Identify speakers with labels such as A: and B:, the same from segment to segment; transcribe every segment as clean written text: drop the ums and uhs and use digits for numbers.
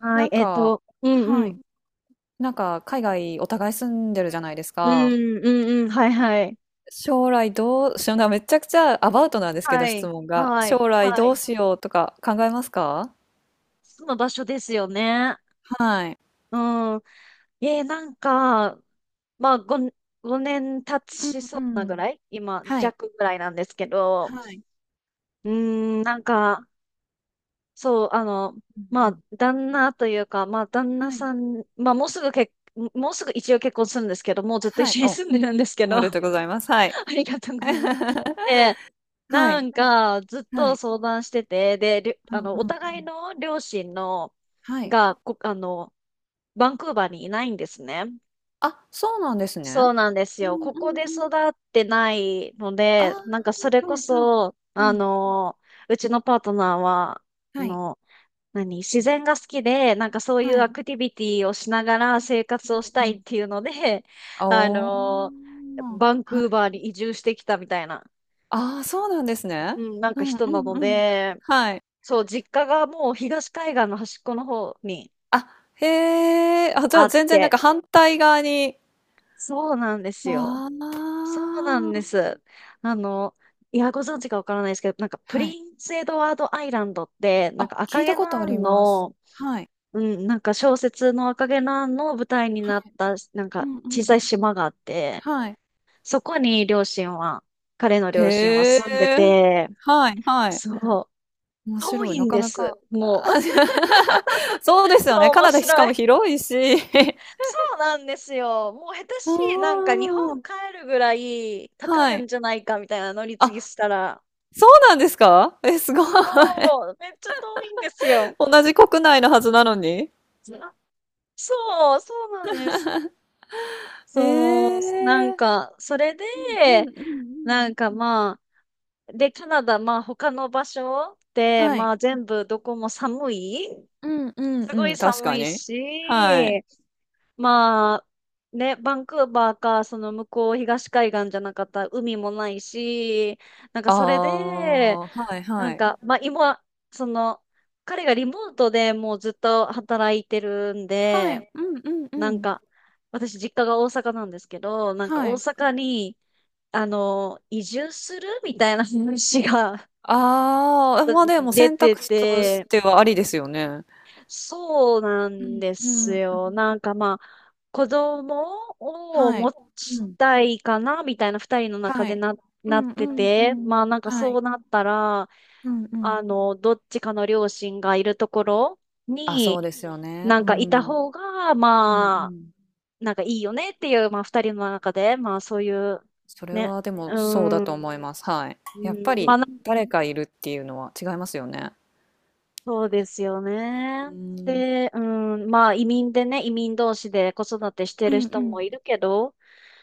A: は
B: な
A: い、
B: んか、
A: うんう
B: はい。
A: ん。
B: なんか海外お互い住んでるじゃないです
A: う
B: か。
A: んうんうん。はいはい。
B: 将来どうしような、めちゃくちゃアバウトなんですけ
A: は
B: ど、質
A: い。
B: 問が。
A: はい。
B: 将来
A: は
B: ど
A: い。
B: うしようとか考えますか？
A: その場所ですよね。
B: はい。
A: うん。なんか、まあ、5年経ちそ
B: う
A: うな
B: んう
A: ぐ
B: ん。
A: らい今、
B: はい。
A: 弱ぐらいなんですけど、
B: はい。
A: うーなんか、そう、
B: うんう
A: まあ、
B: ん。
A: 旦那というか、まあ、旦那
B: は
A: さ
B: い。
A: ん、まあ、もうすぐ一応結婚するんですけど、もうずっと一
B: はい。
A: 緒に
B: お、
A: 住んでるんですけ
B: お
A: ど、
B: めで
A: あ
B: とうございます。はい。
A: りがとうございます。で、
B: は
A: な
B: い。
A: んか、ずっ
B: は
A: と
B: い。
A: 相談してて、で、りゅ
B: うん
A: あ
B: う
A: の、お
B: んう
A: 互い
B: ん。
A: の両親の、
B: はい。
A: が、こ、あの、バンクーバーにいないんですね。
B: あ、そうなんですね。
A: そうなんです
B: う
A: よ。
B: んう
A: ここ
B: ん
A: で
B: う
A: 育
B: ん。
A: ってないの
B: あ
A: で、
B: あ、
A: なんかそれこ
B: はいはい。
A: そ、
B: うん。
A: うちのパートナーは、あ
B: はい。
A: の、自然が好きで、なんかそうい
B: は
A: うア
B: い。
A: クティビティをしながら生活をし
B: う
A: た
B: んう
A: いっ
B: ん。
A: ていうので、
B: あ
A: あ
B: お、
A: の、バン
B: は
A: クー
B: い。
A: バーに移住してきたみたいな、
B: ああ、そうなんですね。
A: うん、なん
B: う
A: か
B: んう
A: 人な
B: ん
A: の
B: うん。
A: で、
B: はい。
A: そう、実家がもう東海岸の端っこの方に
B: あ、へえ。あ、じゃ
A: あ
B: あ
A: っ
B: 全然なん
A: て、
B: か反対側に。
A: そうなんですよ。
B: あ
A: そうなんで
B: あ。
A: す。あの、いや、ご存知かわからないですけど、なんかプ
B: はい。
A: リンスエドワードアイランドって、なん
B: あ、
A: か
B: 聞
A: 赤
B: い
A: 毛
B: た
A: の
B: こと
A: ア
B: あり
A: ン
B: ます。
A: の、
B: はい。
A: うん、なんか小説の赤毛のアンの舞台に
B: は
A: なっ
B: い。
A: た、なん
B: う
A: か
B: んう
A: 小
B: ん。
A: さい島があって、
B: はい。
A: そこに両親は、彼の両親は
B: へ
A: 住んで
B: え。
A: て、
B: はいはい。
A: そう、
B: 面
A: 遠
B: 白い。
A: い
B: な
A: ん
B: か
A: で
B: な
A: す。
B: か。
A: もう、
B: あー そうで す
A: そ
B: よね。
A: う、
B: カ
A: 面
B: ナダしか
A: 白い。
B: も広いし。
A: そうなんですよ。もう下手
B: あ
A: しい、なんか日本
B: あ、
A: 帰るぐらいかか
B: は
A: る
B: い。
A: んじゃないかみたいな乗り継
B: あ
A: ぎしたら。
B: そうなんですか？え、すごい。
A: そう、めっちゃ遠いんですよ。
B: 同じ国内のはずなのに。
A: あ、そう、そうなんです。
B: え
A: そう、なん
B: え
A: か、それで、
B: ー、うんうんうんうん。
A: なんかまあ、で、カナダ、まあ他の場所って、
B: は
A: ま
B: い。
A: あ全部どこも寒い、
B: うんうん
A: すご
B: う
A: い
B: ん、確
A: 寒
B: か
A: い
B: に。
A: し、
B: はい。
A: まあ、ね、バンクーバーか、その向こう東海岸じゃなかったら海もないし、なんか
B: あ
A: それで、
B: あ、はい
A: な
B: は
A: ん
B: い。
A: か、まあ今、その、彼がリモートでもうずっと働いてるん
B: は
A: で、
B: い。うんうんう
A: なん
B: ん。
A: か、私実家が大阪なんですけど、なんか
B: は
A: 大
B: い。
A: 阪に、移住するみたいな話が
B: ああ、まあでも
A: 出
B: 選
A: て
B: 択肢とし
A: て、
B: てはありですよね。
A: そうな
B: う
A: ん
B: ん
A: で
B: う
A: す
B: んう
A: よ。な
B: ん。
A: んかまあ、子供を
B: は
A: 持
B: い。う
A: ち
B: ん。
A: たいかな、みたいな二人の中
B: は
A: で
B: い。う
A: なっ
B: んう
A: て
B: んう
A: て、
B: ん。
A: まあなんか
B: は
A: そ
B: い。
A: うなったら、
B: うんうん。
A: どっちかの両親がいるところ
B: あ、そ
A: に、
B: うですよね。
A: な
B: う
A: んかいた
B: ん。
A: 方が、
B: うんう
A: まあ、
B: ん。
A: なんかいいよねっていう、まあ二人の中で、まあそういう、
B: それ
A: ね、
B: はでも
A: う
B: そうだ
A: ー
B: と
A: ん、
B: 思います。はい。
A: う
B: やっぱ
A: ん、まあ
B: り
A: なん
B: 誰か
A: か
B: いるっていうのは違いますよね。
A: そうですよ
B: う
A: ね。
B: ーん。
A: で、うん、まあ移民でね、移民同士で子育てして
B: う
A: る
B: んう
A: 人も
B: ん。
A: いるけど、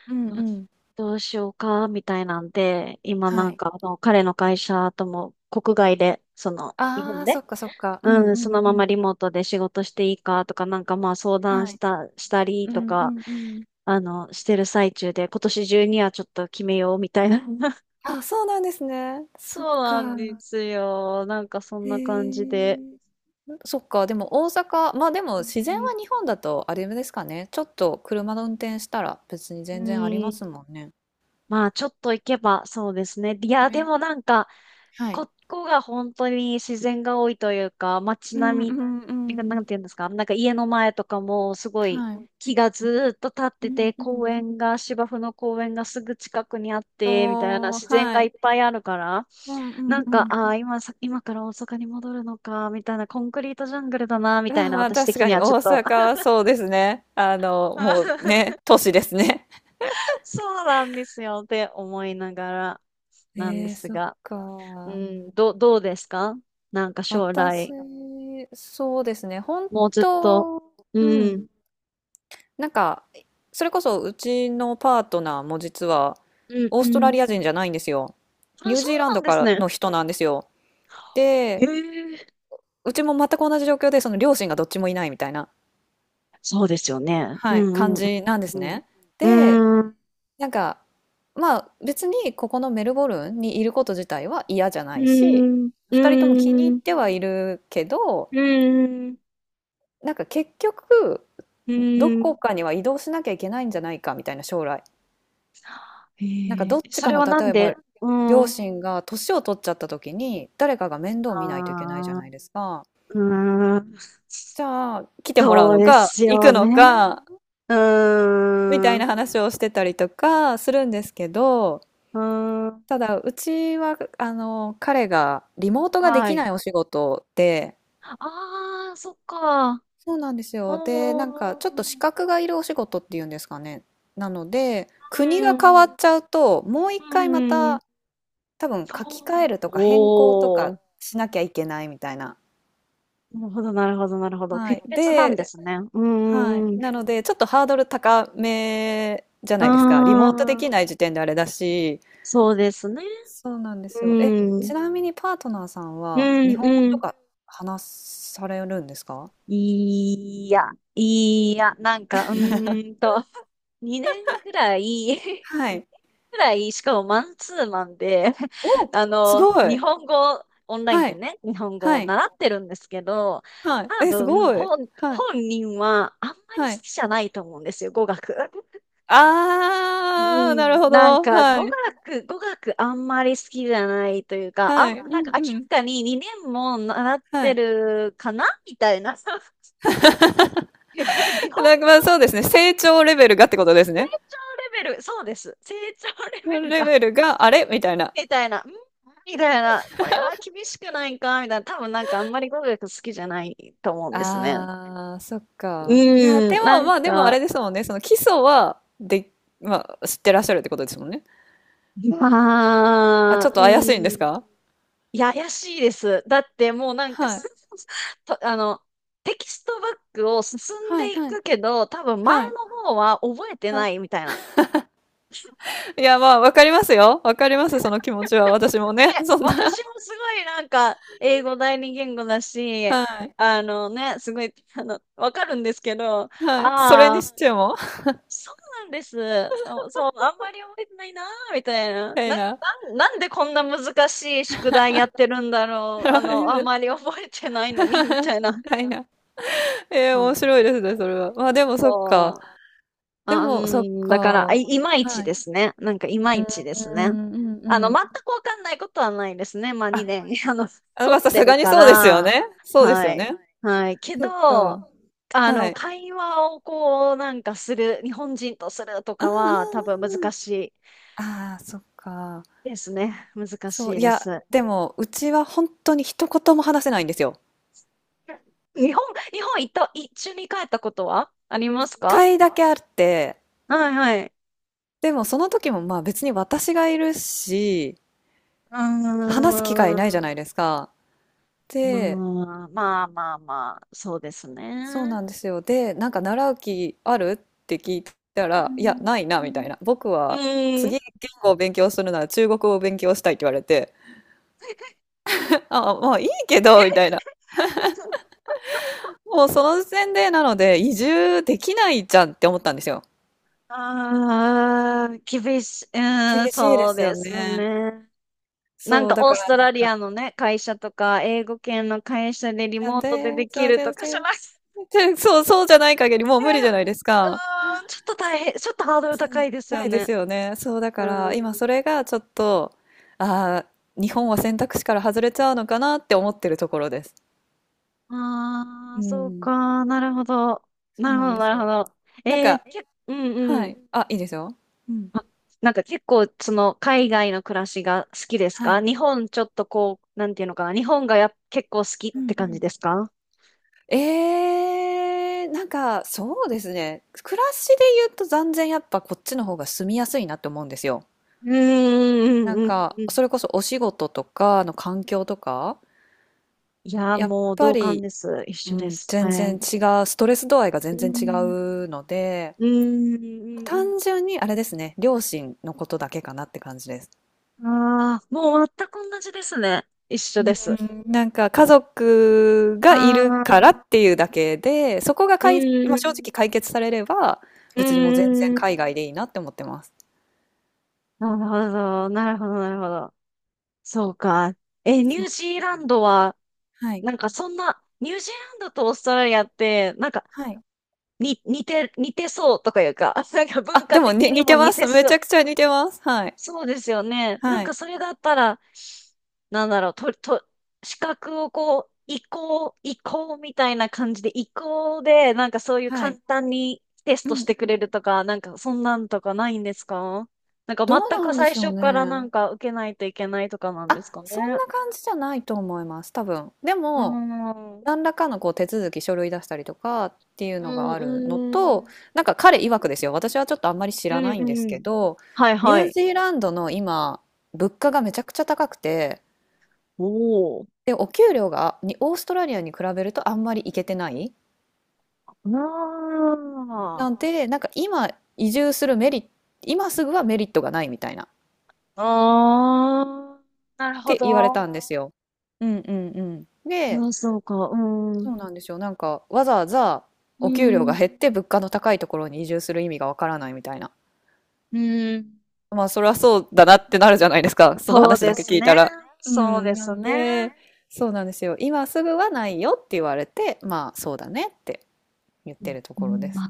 B: うん
A: ど
B: う
A: うし
B: ん。
A: どうしようか、みたいなんで、今
B: は
A: なん
B: い。
A: か彼の会社とも国外で、その日
B: あ
A: 本
B: あ、そ
A: で、
B: っかそっか。うんう
A: うん、
B: ん
A: その
B: う
A: ま
B: ん。
A: まリモートで仕事していいかとか、なんかまあ相談
B: は
A: し
B: い。
A: た、したり
B: うん
A: と
B: う
A: か、
B: んうん。
A: してる最中で、今年中にはちょっと決めようみたいな。
B: あ、そうなんですね。そっ
A: そう
B: か。
A: なんですよ。なんかそん
B: へ
A: な感じで。
B: え。そっか、でも大阪、まあでも
A: う
B: 自然
A: ん。
B: は日本だとあれですかね。ちょっと車の運転したら別に
A: う
B: 全然ありま
A: ん、
B: すもんね。
A: まあ、ちょっと行けば、そうですね。いや、でも
B: ね。
A: なんか、
B: はい。
A: ここが本当に自然が多いというか、街
B: うん
A: 並
B: うんう
A: みが、な
B: ん。
A: んていうんですか、なんか家の前とかもすごい
B: はい。
A: 木がずーっと立っ
B: う
A: て
B: ん
A: て、
B: う
A: 公
B: ん。
A: 園が、芝生の公園がすぐ近くにあって、みたいな
B: おー、
A: 自然
B: は
A: がい
B: い。
A: っぱいあるから、
B: うんう
A: な
B: ん
A: ん
B: う
A: か、
B: ん。
A: ああ、今から大阪に戻るのか、みたいな、コンクリートジャングルだな、み
B: あ、
A: たいな、
B: まあ、
A: 私
B: 確
A: 的
B: か
A: に
B: に
A: は
B: 大
A: ちょっと
B: 阪はそうですね。もうね、都市ですね。
A: そうなんですよって思いながらなんで
B: ええ、
A: す
B: そっ
A: が。う
B: か。
A: ん、どうですか、なんか将
B: 私、
A: 来、
B: そうですね。本
A: もうずっと。
B: 当、
A: う
B: うん。
A: ん、
B: なんか、それこそうちのパートナーも実は、
A: うん、
B: オー
A: う
B: ストラ
A: ん。
B: リア人じゃないんですよ。
A: あ、
B: ニュー
A: そう
B: ジーラン
A: な
B: ド
A: んで
B: か
A: す
B: ら
A: ね。
B: の人なんですよ。
A: へ
B: で、
A: え、
B: うちも全く同じ状況で、その両親がどっちもいないみたいな、
A: そうですよね。う
B: はい、感
A: ん、うん、
B: じなんです
A: うん。
B: ね。で、
A: うん、
B: なんか、まあ別にここのメルボルンにいること自体は嫌じゃな
A: う
B: いし、
A: ん、
B: 2人とも気に入
A: う
B: っ
A: ん、
B: てはいるけど、
A: うん、
B: なんか結局
A: う
B: どこ
A: ん。
B: かには移動しなきゃいけないんじゃないかみたいな将来。なんか
A: へ
B: どっ
A: え、
B: ち
A: そ
B: か
A: れ
B: の
A: はな
B: 例
A: ん
B: えば
A: で？うん。
B: 両
A: あ
B: 親が年を取っちゃった時に誰かが面倒見ないといけないじゃ
A: あ、
B: ないですか。
A: うーん。
B: じゃあ来てもらう
A: そう
B: の
A: で
B: か
A: す
B: 行
A: よ
B: くの
A: ね。
B: か
A: う
B: みた
A: ーん、
B: い
A: う
B: な話をしてたりとかするんですけど、
A: ーん。
B: ただ、うちは、彼がリモートがで
A: は
B: き
A: い。
B: ないお仕事で、
A: ああ、そっか。
B: そうなんですよ。で、なんか、
A: お
B: ちょっと資
A: ー、
B: 格がいるお仕事っていうんですかね。なので、国が
A: う
B: 変わ
A: ん、
B: っちゃうと、もう一
A: う
B: 回ま
A: ん、
B: た、多分
A: そ
B: 書き換え
A: う、
B: るとか変更と
A: お
B: か
A: ー、
B: しなきゃいけないみたいな。
A: なるほど、なるほど、なるほど。
B: は
A: 国
B: い。
A: 別なんで
B: で、
A: すね。うん、
B: はい。
A: うん、う
B: な
A: ん、
B: ので、ちょっとハードル高めじゃ
A: あ
B: ないですか。リモートできな
A: ー、
B: い時点であれだし、
A: そうですね。
B: そうなんですよ。え、
A: う
B: ち
A: ん、
B: なみにパートナーさん
A: う
B: は日
A: ん、
B: 本語
A: う
B: と
A: ん。
B: か話されるんですか？
A: いや、いや、なんか、2年ぐらい、
B: はい。
A: ぐらい、しかもマンツーマンで、
B: お、すご
A: 日
B: い。
A: 本語、オンライン
B: は
A: で
B: い。
A: ね、日本語を
B: はい。
A: 習ってるんですけど、
B: はい。
A: 多
B: え、す
A: 分、
B: ごい。はい。
A: 本人はあんまり好
B: はい。
A: きじゃないと思うんですよ、語学。う
B: ああ、な
A: ん、
B: るほ
A: なん
B: ど。
A: か、
B: はい。
A: 語学あんまり好きじゃないというか、
B: はい。う
A: なんか明
B: んうん。
A: らかに2年も習っ
B: は
A: て
B: い。
A: るかなみたいな。日本、
B: なんか、ま、そうですね、成長レベルがってことです
A: 成
B: ね。
A: 長レベル、そうです。成長レベル
B: レ
A: が
B: ベルが、あれ？みたいな。
A: みたいな、みたいな、これは厳しくないかみたいな、多分なんかあんまり語学好きじゃないと思うんですね。
B: ああ、そっか。いや、
A: うん、
B: で
A: な
B: も、
A: ん
B: まあ、でもあ
A: か、
B: れですもんね、その基礎は、で、まあ、知ってらっしゃるってことですもんね。あ、
A: ま
B: ち
A: あ、
B: ょっ
A: う
B: と怪しいんです
A: ん、
B: か？
A: いや、怪しいです。だってもうなんか
B: は
A: す
B: い。
A: と、テキストバックを進ん
B: はい、
A: でい
B: はい、
A: くけど、多分前
B: はい。
A: の方は覚えてない
B: は
A: みたいな。
B: い。いや、まあ、わかりますよ。わかります、その気持ちは。私も
A: で、
B: ね。そん
A: 私
B: な。
A: もすごいなんか、英語第二言語だし、
B: はい。
A: あのね、すごい、わかるんですけど、あ
B: はい。それに
A: あ、
B: しても。
A: そうなんです。あ、そう、あんまり覚えてないなー、みたいな。
B: たいな。
A: なんでこんな難しい宿題やってるんだろう。あん まり覚えてないのに、みたいな。
B: はいな。え え、
A: そう
B: 面
A: なん
B: 白い
A: で
B: です
A: す。
B: ね、それは。まあ、でもそっか。
A: そう。
B: で
A: あ、う
B: も、そっ
A: ん、だから、
B: か。
A: いまいち
B: はい。う
A: ですね。なんか、いまいちです
B: ー
A: ね。
B: ん、うんうん。
A: 全くわかんないことはないですね。まあ、
B: あ、
A: 2年、
B: あ、ま
A: 取
B: あ、
A: っ
B: さ
A: て
B: す
A: る
B: がに
A: か
B: そうですよ
A: ら。
B: ね。そうです
A: は
B: よね。
A: い。はい。け
B: そっ
A: ど、
B: か。はい。
A: 会話をこう、なんかする、日本人とすると
B: う
A: かは、
B: ん
A: 多
B: う
A: 分
B: んうんう
A: 難
B: ん。
A: しい。
B: ああ、そっか。
A: ですね。難
B: そう、
A: しい
B: い
A: で
B: や、
A: す。
B: でも、うちは本当に一言も話せないんですよ。
A: 日本、日本行った、一緒に帰ったことはありま
B: 一
A: すか？
B: 回だけあって、
A: はいはい。
B: でもその時もまあ別に私がいるし、
A: う
B: 話す機会ないじゃ
A: ー
B: ない
A: ん。
B: ですか。
A: ま
B: で、
A: あ、まあまあまあ、そうです
B: そう
A: ね。
B: なんですよ。で、なんか習う気あるって聞いた
A: う
B: ら、いや、
A: ん。
B: ないな、みたいな。僕
A: う
B: は
A: ん。
B: 次言語を勉強するなら中国語を勉強したいって言われて、あ、まあいいけど、みたいな。もうその時点でなので移住できないじゃんって思ったんですよ。
A: ああ、厳しい。う
B: 厳
A: ーん、
B: しいで
A: そう
B: すよ
A: です
B: ね。
A: ね。なん
B: そう、
A: か
B: だ
A: オー
B: か
A: ス
B: ら
A: トラリアのね、会社とか、英語圏の会社でリ
B: な
A: モ
B: ん
A: ートで
B: で、
A: でき
B: そう、
A: る
B: 全
A: とかじゃ
B: 然、
A: なくて、
B: 全そう、そう、じゃない限りもう無理じゃないです
A: う
B: か。
A: ーん、ちょっと大変、ちょっとハードル高いですよ
B: ないで
A: ね。
B: すよね。そう、だから今そ
A: う
B: れがちょっと、ああ、日本は
A: ん。
B: 選択肢から外れちゃうのかなって思ってるところです。
A: あ
B: う
A: あ、そう
B: ん、
A: か。なるほど。
B: そ
A: な
B: う
A: るほ
B: なん
A: ど、
B: で
A: な
B: す
A: るほ
B: よ。
A: ど。
B: なんか、
A: うんう
B: は
A: ん。
B: い。あ、いいですよ。うん。
A: あ、なんか結構、その、海外の暮らしが好きです
B: は
A: か？
B: い。
A: 日本ちょっとこう、なんていうのかな。日本が結構好きっ
B: うん
A: て
B: う
A: 感じ
B: ん。
A: ですか？
B: なんか、そうですね。暮らしで言うと残然やっぱこっちの方が住みやすいなって思うんですよ。
A: うん、
B: なん
A: うん、うん、
B: か、
A: うん。
B: それこそお仕事とかの環境とか、
A: いやー、
B: やっ
A: もう
B: ぱ
A: 同感
B: り
A: です。一
B: う
A: 緒で
B: ん、
A: す。
B: 全
A: は
B: 然
A: い。
B: 違う、ストレス度合いが
A: う
B: 全然違
A: ん、
B: うので、
A: うん、
B: 単純にあれですね、両親のことだけかなって感じです。
A: うん。ああー、もう全く同じですね。一緒
B: う
A: です。
B: ん、なんか家族
A: あ
B: がいるからっ
A: あ、
B: ていうだけで、そこが
A: う
B: かい、まあ正直
A: ん、
B: 解決されれば、
A: う
B: 別にもう全然
A: ん、
B: 海外でいいなって思ってます。
A: なるほど、なるほど、なるほど。そうか。え、ニ
B: そ
A: ュ
B: う。
A: ージーランドは、
B: はい。
A: なんかそんな、ニュージーランドとオーストラリアって、なんか、
B: はい。
A: に、似て、似てそうとかいうか、なんか文
B: あ、で
A: 化
B: もに
A: 的に
B: 似て
A: も
B: ま
A: 似て
B: す。め
A: そ
B: ち
A: う、
B: ゃくちゃ似てます。はい。
A: そうですよね。なん
B: は
A: か
B: い。
A: それがあったら、なんだろう、資格をこう、移行、移行みたいな感じで、移行で、なんかそういう
B: は
A: 簡
B: い。
A: 単にテス
B: う
A: ト
B: ん。
A: し
B: うん、
A: てくれるとか、なんかそんなんとかないんですか？なんか
B: どう
A: 全
B: な
A: く
B: んで
A: 最
B: しょう
A: 初からな
B: ね。
A: んか受けないといけないとかなんで
B: あ、
A: すか
B: そん
A: ね。
B: な感じじゃないと思います。多分。で
A: うー
B: も、
A: ん。
B: 何らかのこう手続き書類出したりとかっていう
A: う
B: のが
A: ん、
B: あるの
A: う
B: と、
A: ん。
B: なんか彼曰くですよ、私はちょっとあんまり知
A: う
B: らな
A: ん、
B: いんです
A: う
B: け
A: ん。
B: ど、
A: はい、
B: ニ
A: は
B: ュー
A: い。
B: ジーランドの今物価がめちゃくちゃ高くて、
A: おー。
B: でお給料がにオーストラリアに比べるとあんまりいけてない、
A: あ
B: なん
A: ー。
B: でなんか今移住するメリット、今すぐはメリットがないみたいなっ
A: あー。なるほ
B: て言われ
A: ど。
B: たんですよ。うんうんうん、で、
A: ああ、そうか。う
B: そ
A: ん。
B: うなんですよ、なんかわざわざ
A: う
B: お給料が
A: ん。
B: 減って物価の高いところに移住する意味がわからないみたいな。
A: うん。
B: まあ、それはそうだなってなるじゃないですか。その
A: そう
B: 話だ
A: で
B: け
A: す
B: 聞いた
A: ね。
B: ら。う
A: そう
B: ん。
A: で
B: な
A: す
B: んん
A: ね。
B: で、そうなんですよ。今すぐはないよって言われて、まあ、そうだねって言っ
A: う
B: て
A: ん
B: ると
A: う
B: ころで
A: ん、
B: す。
A: あ、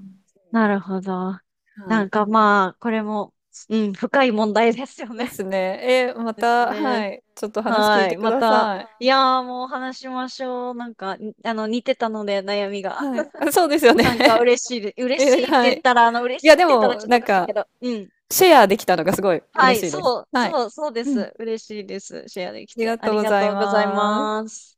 A: なるほど。
B: は
A: なん
B: い。
A: かまあ、これも、うん、深い問題ですよ
B: で
A: ね。
B: すね。え、ま
A: です
B: た、
A: ね。
B: はい。ちょっと話聞
A: は
B: いて
A: い。
B: く
A: ま
B: だ
A: た、
B: さい。
A: いやーもう話しましょう。なんか、に似てたので、悩みが。
B: はい。あ、そうで すよね。
A: なんか 嬉
B: え、
A: しいって
B: は
A: 言っ
B: い。
A: たら、嬉
B: い
A: し
B: や、
A: いって
B: で
A: 言ったらち
B: も、
A: ょっとお
B: なん
A: かしいけ
B: か、
A: ど、うん。
B: シェアできたのがすごい
A: は
B: 嬉
A: い、
B: しいです。
A: そう、
B: はい。
A: そう、そうで
B: うん。あ
A: す。嬉しいです。シェアでき
B: り
A: て。
B: が
A: あ
B: とう
A: り
B: ご
A: が
B: ざい
A: とうござい
B: ます。
A: ます。